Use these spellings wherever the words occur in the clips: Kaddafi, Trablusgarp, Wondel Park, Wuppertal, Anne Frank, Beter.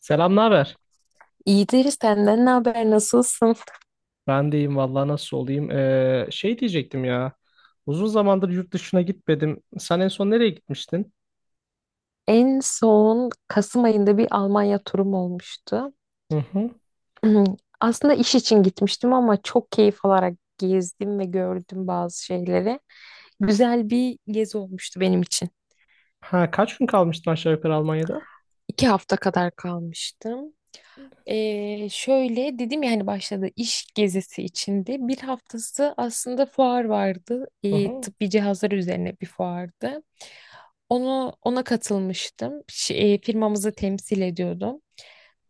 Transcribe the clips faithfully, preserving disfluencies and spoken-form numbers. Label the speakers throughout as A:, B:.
A: Selam, ne haber?
B: İyidir, senden ne haber, nasılsın?
A: Ben de iyiyim vallahi nasıl olayım? Ee, şey diyecektim ya. Uzun zamandır yurt dışına gitmedim. Sen en son nereye gitmiştin?
B: En son Kasım ayında bir Almanya turum olmuştu.
A: Hı hı.
B: Aslında iş için gitmiştim ama çok keyif alarak gezdim ve gördüm bazı şeyleri. Güzel bir gezi olmuştu benim için.
A: Ha, kaç gün kalmıştın aşağı yukarı Almanya'da?
B: İki hafta kadar kalmıştım. Ee, şöyle dedim ya, hani başladı iş gezisi içinde. Bir haftası aslında fuar vardı.
A: Hı
B: Ee,
A: hı.
B: tıbbi cihazlar üzerine bir fuardı. Onu ona katılmıştım. Ş- e, firmamızı temsil ediyordum.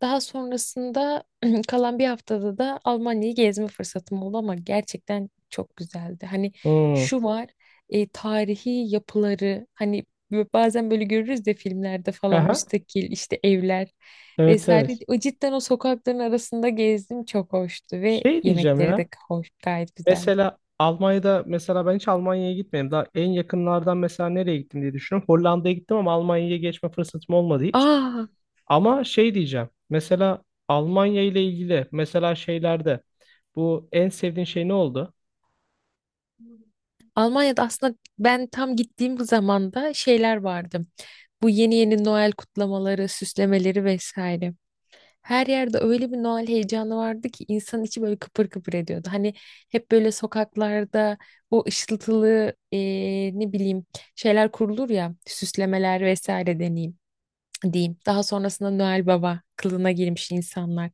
B: Daha sonrasında kalan bir haftada da Almanya'yı gezme fırsatım oldu, ama gerçekten çok güzeldi. Hani
A: Hmm.
B: şu var, e, tarihi yapıları, hani bö- bazen böyle görürüz de filmlerde falan,
A: Aha.
B: müstakil işte evler
A: Evet
B: vesaire.
A: evet.
B: O cidden, o sokakların arasında gezdim, çok hoştu ve
A: Şey diyeceğim
B: yemekleri
A: ya.
B: de hoş, gayet güzeldi.
A: Mesela Almanya'da mesela ben hiç Almanya'ya gitmedim. Daha en yakınlardan mesela nereye gittim diye düşünüyorum. Hollanda'ya gittim ama Almanya'ya geçme fırsatım olmadı hiç.
B: Aa,
A: Ama şey diyeceğim. Mesela Almanya ile ilgili mesela şeylerde bu en sevdiğin şey ne oldu?
B: Almanya'da aslında ben tam gittiğim zamanda şeyler vardı. Bu yeni yeni Noel kutlamaları, süslemeleri vesaire. Her yerde öyle bir Noel heyecanı vardı ki insanın içi böyle kıpır kıpır ediyordu. Hani hep böyle sokaklarda o ışıltılı eee, ne bileyim, şeyler kurulur ya, süslemeler vesaire, deneyim diyeyim. Daha sonrasında Noel Baba kılığına girmiş insanlar.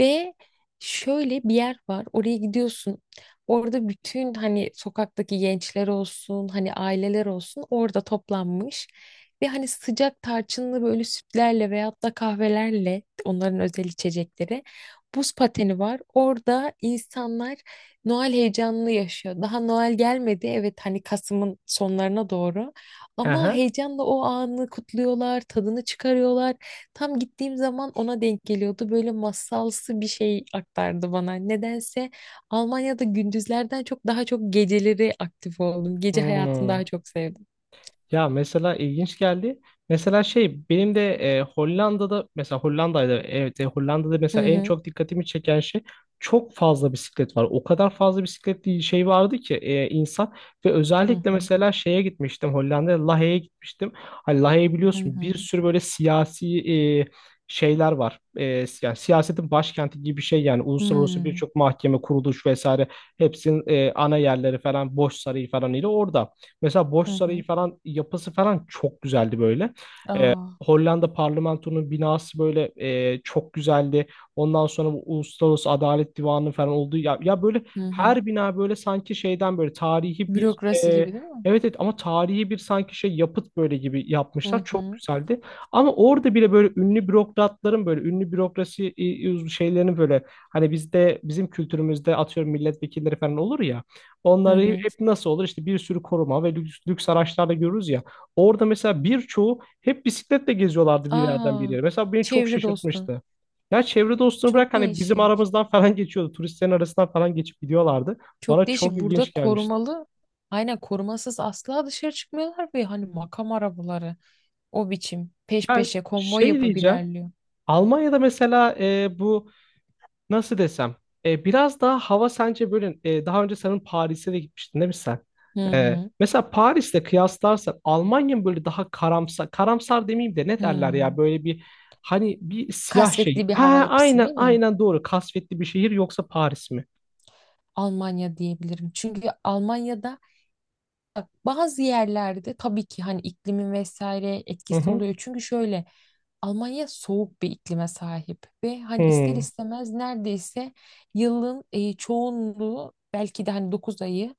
B: Ve şöyle bir yer var. Oraya gidiyorsun. Orada bütün hani sokaktaki gençler olsun, hani aileler olsun, orada toplanmış. Ve hani sıcak tarçınlı böyle sütlerle veyahut da kahvelerle, onların özel içecekleri. Buz pateni var. Orada insanlar Noel heyecanını yaşıyor. Daha Noel gelmedi. Evet, hani Kasım'ın sonlarına doğru.
A: Hı
B: Ama
A: hı.
B: heyecanla o anı kutluyorlar, tadını çıkarıyorlar. Tam gittiğim zaman ona denk geliyordu. Böyle masalsı bir şey aktardı bana. Nedense Almanya'da gündüzlerden çok daha çok geceleri aktif oldum. Gece hayatını
A: Hmm.
B: daha çok sevdim.
A: Ya mesela ilginç geldi. Mesela şey benim de e, Hollanda'da mesela Hollanda'da evet e, Hollanda'da mesela
B: Hı
A: en
B: hı.
A: çok dikkatimi çeken şey çok fazla bisiklet var. O kadar fazla bisikletli şey vardı ki e, insan ve
B: Hı
A: özellikle
B: hı.
A: mesela şeye gitmiştim Hollanda'ya Lahey'e gitmiştim. Hani Lahey'i
B: Hı
A: biliyorsun
B: hı.
A: bir sürü böyle siyasi e, şeyler var. E, yani siyasetin başkenti gibi bir şey, yani uluslararası
B: Hmm.
A: birçok mahkeme, kuruluş vesaire hepsinin e, ana yerleri falan Boş Sarayı falan ile orada. Mesela Boş
B: Hı
A: Sarayı
B: hı.
A: falan yapısı falan çok güzeldi böyle.
B: Aa.
A: Hollanda parlamentonun binası böyle e, çok güzeldi. Ondan sonra bu Uluslararası Adalet Divanı falan oldu. Ya, ya böyle
B: Hı hı.
A: her bina böyle sanki şeyden böyle tarihi bir
B: Bürokrasi
A: e,
B: gibi değil mi?
A: evet evet, ama tarihi bir sanki şey yapıt böyle gibi
B: Hı
A: yapmışlar. Çok
B: hı.
A: güzeldi. Ama orada bile böyle ünlü bürokratların böyle ünlü bürokrasi e, şeylerini böyle, hani bizde bizim kültürümüzde atıyorum milletvekilleri falan olur ya.
B: Hı
A: Onları
B: hı.
A: hep nasıl olur? işte bir sürü koruma ve lüks, lüks araçlarda görürüz ya. Orada mesela birçoğu hep bisikletle geziyorlardı bir yerden bir
B: Aa.
A: yere. Mesela beni çok
B: Çevre dostu.
A: şaşırtmıştı. Ya çevre dostunu bırak,
B: Çok
A: hani bizim
B: değişik.
A: aramızdan falan geçiyordu. Turistlerin arasından falan geçip gidiyorlardı. Bana
B: Çok
A: çok
B: değişik. Burada
A: ilginç gelmişti.
B: korumalı, aynen, korumasız asla dışarı çıkmıyorlar ve hani makam arabaları o biçim peş
A: Ya
B: peşe konvoy
A: şey
B: yapıp
A: diyeceğim.
B: ilerliyor.
A: Almanya'da mesela e, bu nasıl desem? E, biraz daha hava sence böyle, e, daha önce senin Paris'e de gitmiştin değil mi sen?
B: Hı
A: E,
B: hı.
A: mesela Paris'le kıyaslarsan Almanya mı böyle daha karamsar, karamsar demeyeyim de ne derler ya
B: Hı.
A: böyle bir, hani bir siyah şey.
B: Kasvetli bir hava
A: Ha
B: yapısı
A: aynen
B: değil mi?
A: aynen doğru. Kasvetli bir şehir, yoksa Paris mi?
B: Almanya diyebilirim. Çünkü Almanya'da, bak, bazı yerlerde tabii ki hani iklimin vesaire
A: Hı
B: etkisi
A: hı.
B: oluyor. Çünkü şöyle, Almanya soğuk bir iklime sahip ve hani ister
A: Hmm,
B: istemez neredeyse yılın e, çoğunluğu, belki de hani dokuz ayı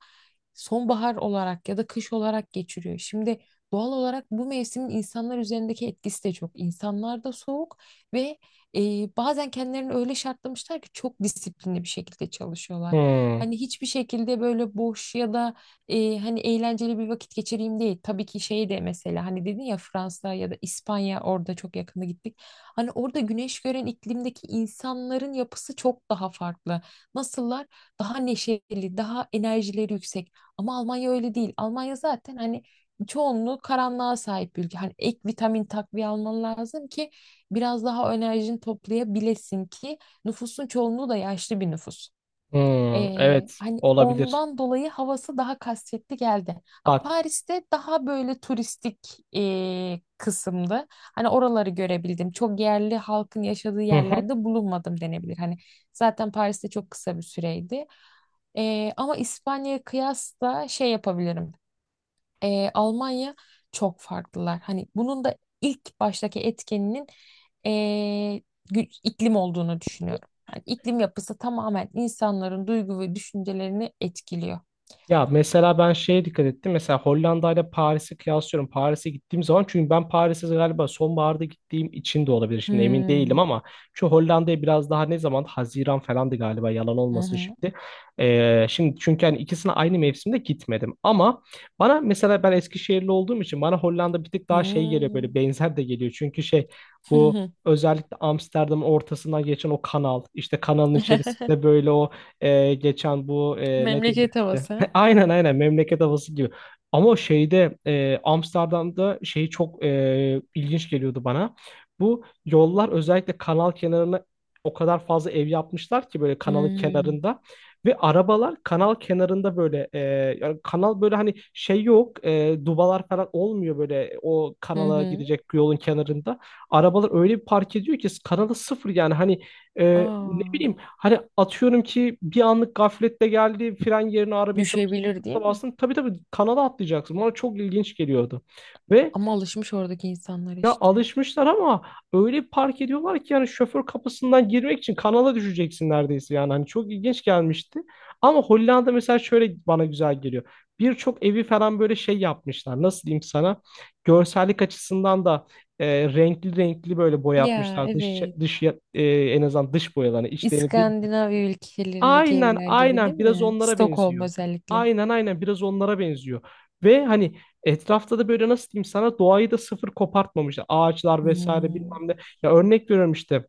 B: sonbahar olarak ya da kış olarak geçiriyor. Şimdi doğal olarak bu mevsimin insanlar üzerindeki etkisi de çok. İnsanlar da soğuk ve e, bazen kendilerini öyle şartlamışlar ki çok disiplinli bir şekilde çalışıyorlar.
A: hmm,
B: Hani hiçbir şekilde böyle boş ya da e, hani eğlenceli bir vakit geçireyim değil. Tabii ki şey de, mesela hani dedin ya, Fransa ya da İspanya, orada çok yakında gittik. Hani orada güneş gören iklimdeki insanların yapısı çok daha farklı. Nasıllar? Daha neşeli, daha enerjileri yüksek. Ama Almanya öyle değil. Almanya zaten hani çoğunluğu karanlığa sahip bir ülke. Hani ek vitamin takviye alman lazım ki biraz daha enerjini toplayabilesin, ki nüfusun çoğunluğu da yaşlı bir nüfus.
A: hmm.
B: Ee,
A: Evet
B: hani
A: olabilir.
B: ondan dolayı havası daha kasvetli geldi. Ha,
A: Bak.
B: Paris'te daha böyle turistik ee, kısımdı. Hani oraları görebildim. Çok yerli halkın yaşadığı yerlerde bulunmadım denebilir. Hani zaten Paris'te çok kısa bir süreydi. Ee, ama İspanya'ya kıyasla şey yapabilirim, e, Almanya çok farklılar. Hani bunun da ilk baştaki etkeninin, e, gü- iklim olduğunu düşünüyorum. Yani iklim yapısı tamamen insanların duygu ve düşüncelerini etkiliyor.
A: Ya mesela ben şeye dikkat ettim. Mesela Hollanda ile Paris'i kıyaslıyorum. Paris'e gittiğim zaman, çünkü ben Paris'e galiba sonbaharda gittiğim için de olabilir. Şimdi emin değilim
B: Hmm.
A: ama şu Hollanda'ya biraz daha ne zaman? Haziran falandı galiba, yalan
B: Hı
A: olmasın
B: hı.
A: şimdi. Ee, şimdi çünkü hani ikisine aynı mevsimde gitmedim. Ama bana mesela, ben Eskişehirli olduğum için bana Hollanda bir tık daha şey geliyor, böyle
B: Hmm.
A: benzer de geliyor. Çünkü şey, bu özellikle Amsterdam'ın ortasından geçen o kanal, işte kanalın içerisinde böyle o e, geçen bu e, ne diyeyim,
B: Memleket havası.
A: aynen aynen memleket havası gibi. Ama şeyde e, Amsterdam'da şey çok e, ilginç geliyordu bana. Bu yollar, özellikle kanal kenarına, o kadar fazla ev yapmışlar ki böyle kanalın
B: Hmm.
A: kenarında, ve arabalar kanal kenarında böyle e, yani kanal, böyle hani şey yok, e, dubalar falan olmuyor böyle o
B: Hı
A: kanala
B: hı.
A: gidecek yolun kenarında. Arabalar öyle bir park ediyor ki kanalı sıfır, yani hani ee, ne
B: Aa,
A: bileyim, hani atıyorum ki bir anlık gafletle geldi, fren yerine arabayı çalıştırdı,
B: düşebilir değil mi?
A: bastın, tabii tabii kanala atlayacaksın. Bana çok ilginç geliyordu. Ve
B: Ama alışmış oradaki insanlar
A: ya
B: işte.
A: alışmışlar ama öyle bir park ediyorlar ki yani şoför kapısından girmek için kanala düşeceksin neredeyse yani. Hani çok ilginç gelmişti. Ama Hollanda mesela şöyle bana güzel geliyor. Birçok evi falan böyle şey yapmışlar. Nasıl diyeyim sana? Görsellik açısından da e, renkli renkli böyle
B: Ya
A: boyatmışlar. Dış,
B: evet.
A: dış e, en azından dış boyalarını. İçlerini bir,
B: İskandinav ülkelerindeki
A: aynen
B: evler gibi değil
A: aynen biraz
B: mi?
A: onlara
B: Stockholm
A: benziyor.
B: özellikle.
A: Aynen aynen biraz onlara benziyor. Ve hani etrafta da böyle nasıl diyeyim sana, doğayı da sıfır kopartmamışlar. Ağaçlar vesaire
B: Hmm.
A: bilmem ne. Ya örnek veriyorum işte.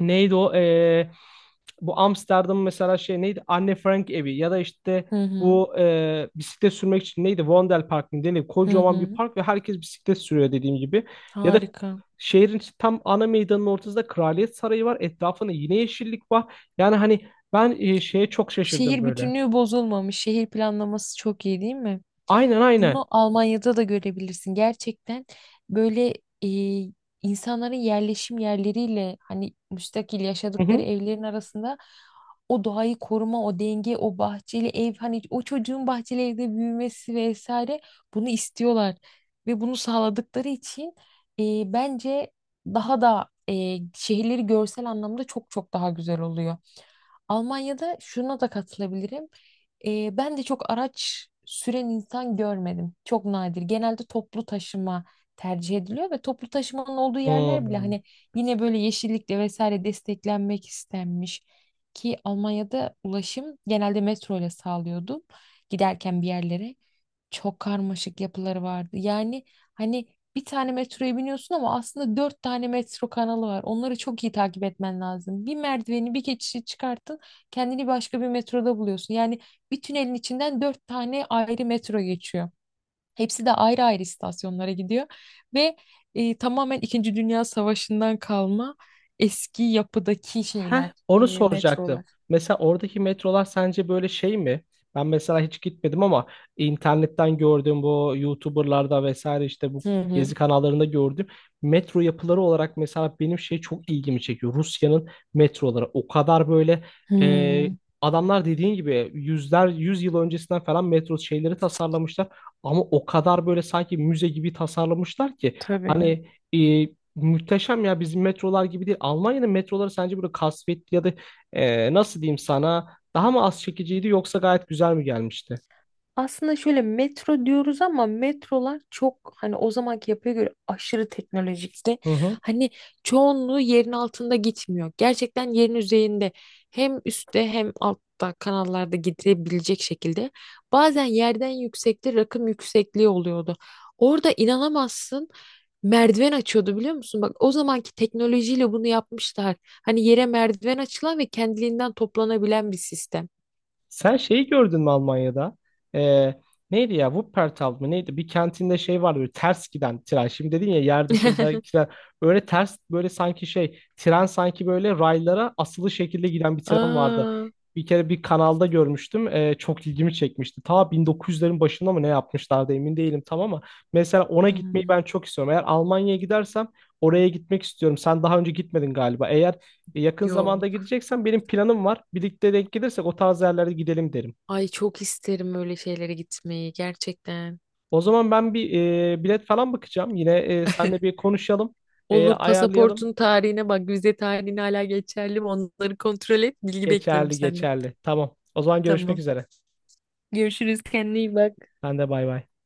A: Neydi o? Ee, bu Amsterdam mesela, şey neydi? Anne Frank evi, ya da işte
B: Hı hı.
A: bu e, bisiklet sürmek için neydi? Wondel Park mı denir?
B: Hı
A: Kocaman bir
B: hı.
A: park ve herkes bisiklet sürüyor, dediğim gibi. Ya da
B: Harika.
A: şehrin tam ana meydanının ortasında Kraliyet Sarayı var. Etrafında yine yeşillik var. Yani hani ben e, şeye çok şaşırdım
B: Şehir
A: böyle.
B: bütünlüğü bozulmamış. Şehir planlaması çok iyi değil mi?
A: Aynen aynen.
B: Bunu Almanya'da da görebilirsin. Gerçekten böyle e, insanların yerleşim yerleriyle hani müstakil
A: Hı
B: yaşadıkları
A: hı.
B: evlerin arasında o doğayı koruma, o denge, o bahçeli ev, hani o çocuğun bahçeli evde büyümesi vesaire, bunu istiyorlar. Ve bunu sağladıkları için e, bence daha da e, şehirleri görsel anlamda çok çok daha güzel oluyor. Almanya'da şuna da katılabilirim. Ee, ben de çok araç süren insan görmedim. Çok nadir. Genelde toplu taşıma tercih ediliyor ve toplu taşımanın olduğu yerler bile
A: Hmm.
B: hani yine böyle yeşillikle vesaire desteklenmek istenmiş. Ki Almanya'da ulaşım genelde metro ile sağlıyordum, giderken bir yerlere. Çok karmaşık yapıları vardı. Yani hani bir tane metroya biniyorsun ama aslında dört tane metro kanalı var. Onları çok iyi takip etmen lazım. Bir merdiveni, bir geçişi çıkarttın, kendini başka bir metroda buluyorsun. Yani bir tünelin içinden dört tane ayrı metro geçiyor. Hepsi de ayrı ayrı istasyonlara gidiyor. Ve e, tamamen İkinci Dünya Savaşı'ndan kalma eski yapıdaki
A: Heh,
B: şeyler, e,
A: onu soracaktım.
B: metrolar.
A: Mesela oradaki metrolar sence böyle şey mi? Ben mesela hiç gitmedim ama internetten gördüm, bu YouTuber'larda vesaire, işte bu
B: Hı hı.
A: gezi kanallarında gördüm. Metro yapıları olarak mesela benim şey çok ilgimi çekiyor. Rusya'nın metroları o kadar böyle e,
B: Hmm,
A: adamlar dediğin gibi yüzler yüz yıl öncesinden falan metro şeyleri tasarlamışlar. Ama o kadar böyle sanki müze gibi tasarlamışlar ki
B: tabii.
A: hani e, muhteşem ya, bizim metrolar gibi değil. Almanya'nın metroları sence böyle kasvetli ya da e, nasıl diyeyim sana, daha mı az çekiciydi yoksa gayet güzel mi gelmişti?
B: Aslında şöyle, metro diyoruz ama metrolar çok hani o zamanki yapıya göre aşırı teknolojikti.
A: Hı hı.
B: Hani çoğunluğu yerin altında gitmiyor. Gerçekten yerin üzerinde, hem üstte hem altta kanallarda gidebilecek şekilde. Bazen yerden yüksekte rakım yüksekliği oluyordu. Orada inanamazsın, merdiven açıyordu, biliyor musun? Bak, o zamanki teknolojiyle bunu yapmışlar. Hani yere merdiven açılan ve kendiliğinden toplanabilen bir sistem.
A: Sen şeyi gördün mü Almanya'da? Ee, Neydi ya? Wuppertal mı? Neydi? Bir kantinde şey vardı, böyle ters giden tren. Şimdi dedin ya, yer dışında tren. Böyle ters böyle sanki şey tren, sanki böyle raylara asılı şekilde giden bir tren vardı.
B: Aa.
A: Bir kere bir kanalda görmüştüm. Ee, çok ilgimi çekmişti. Ta bin dokuz yüzlerin başında mı ne yapmışlardı emin değilim tam, ama mesela ona gitmeyi
B: Hmm.
A: ben çok istiyorum. Eğer Almanya'ya gidersem oraya gitmek istiyorum. Sen daha önce gitmedin galiba. Eğer e, yakın zamanda
B: Yok.
A: gideceksen benim planım var. Birlikte denk gelirsek o tarz yerlere gidelim derim.
B: Ay, çok isterim öyle şeylere gitmeyi gerçekten.
A: O zaman ben bir e, bilet falan bakacağım. Yine e, seninle bir konuşalım, e,
B: Olur,
A: ayarlayalım.
B: pasaportun tarihine bak, vize tarihine, hala geçerli mi? Onları kontrol et. Bilgi bekliyorum
A: Geçerli,
B: senden.
A: geçerli. Tamam. O zaman görüşmek
B: Tamam.
A: üzere.
B: Görüşürüz. Kendine iyi bak.
A: Ben de bay bay.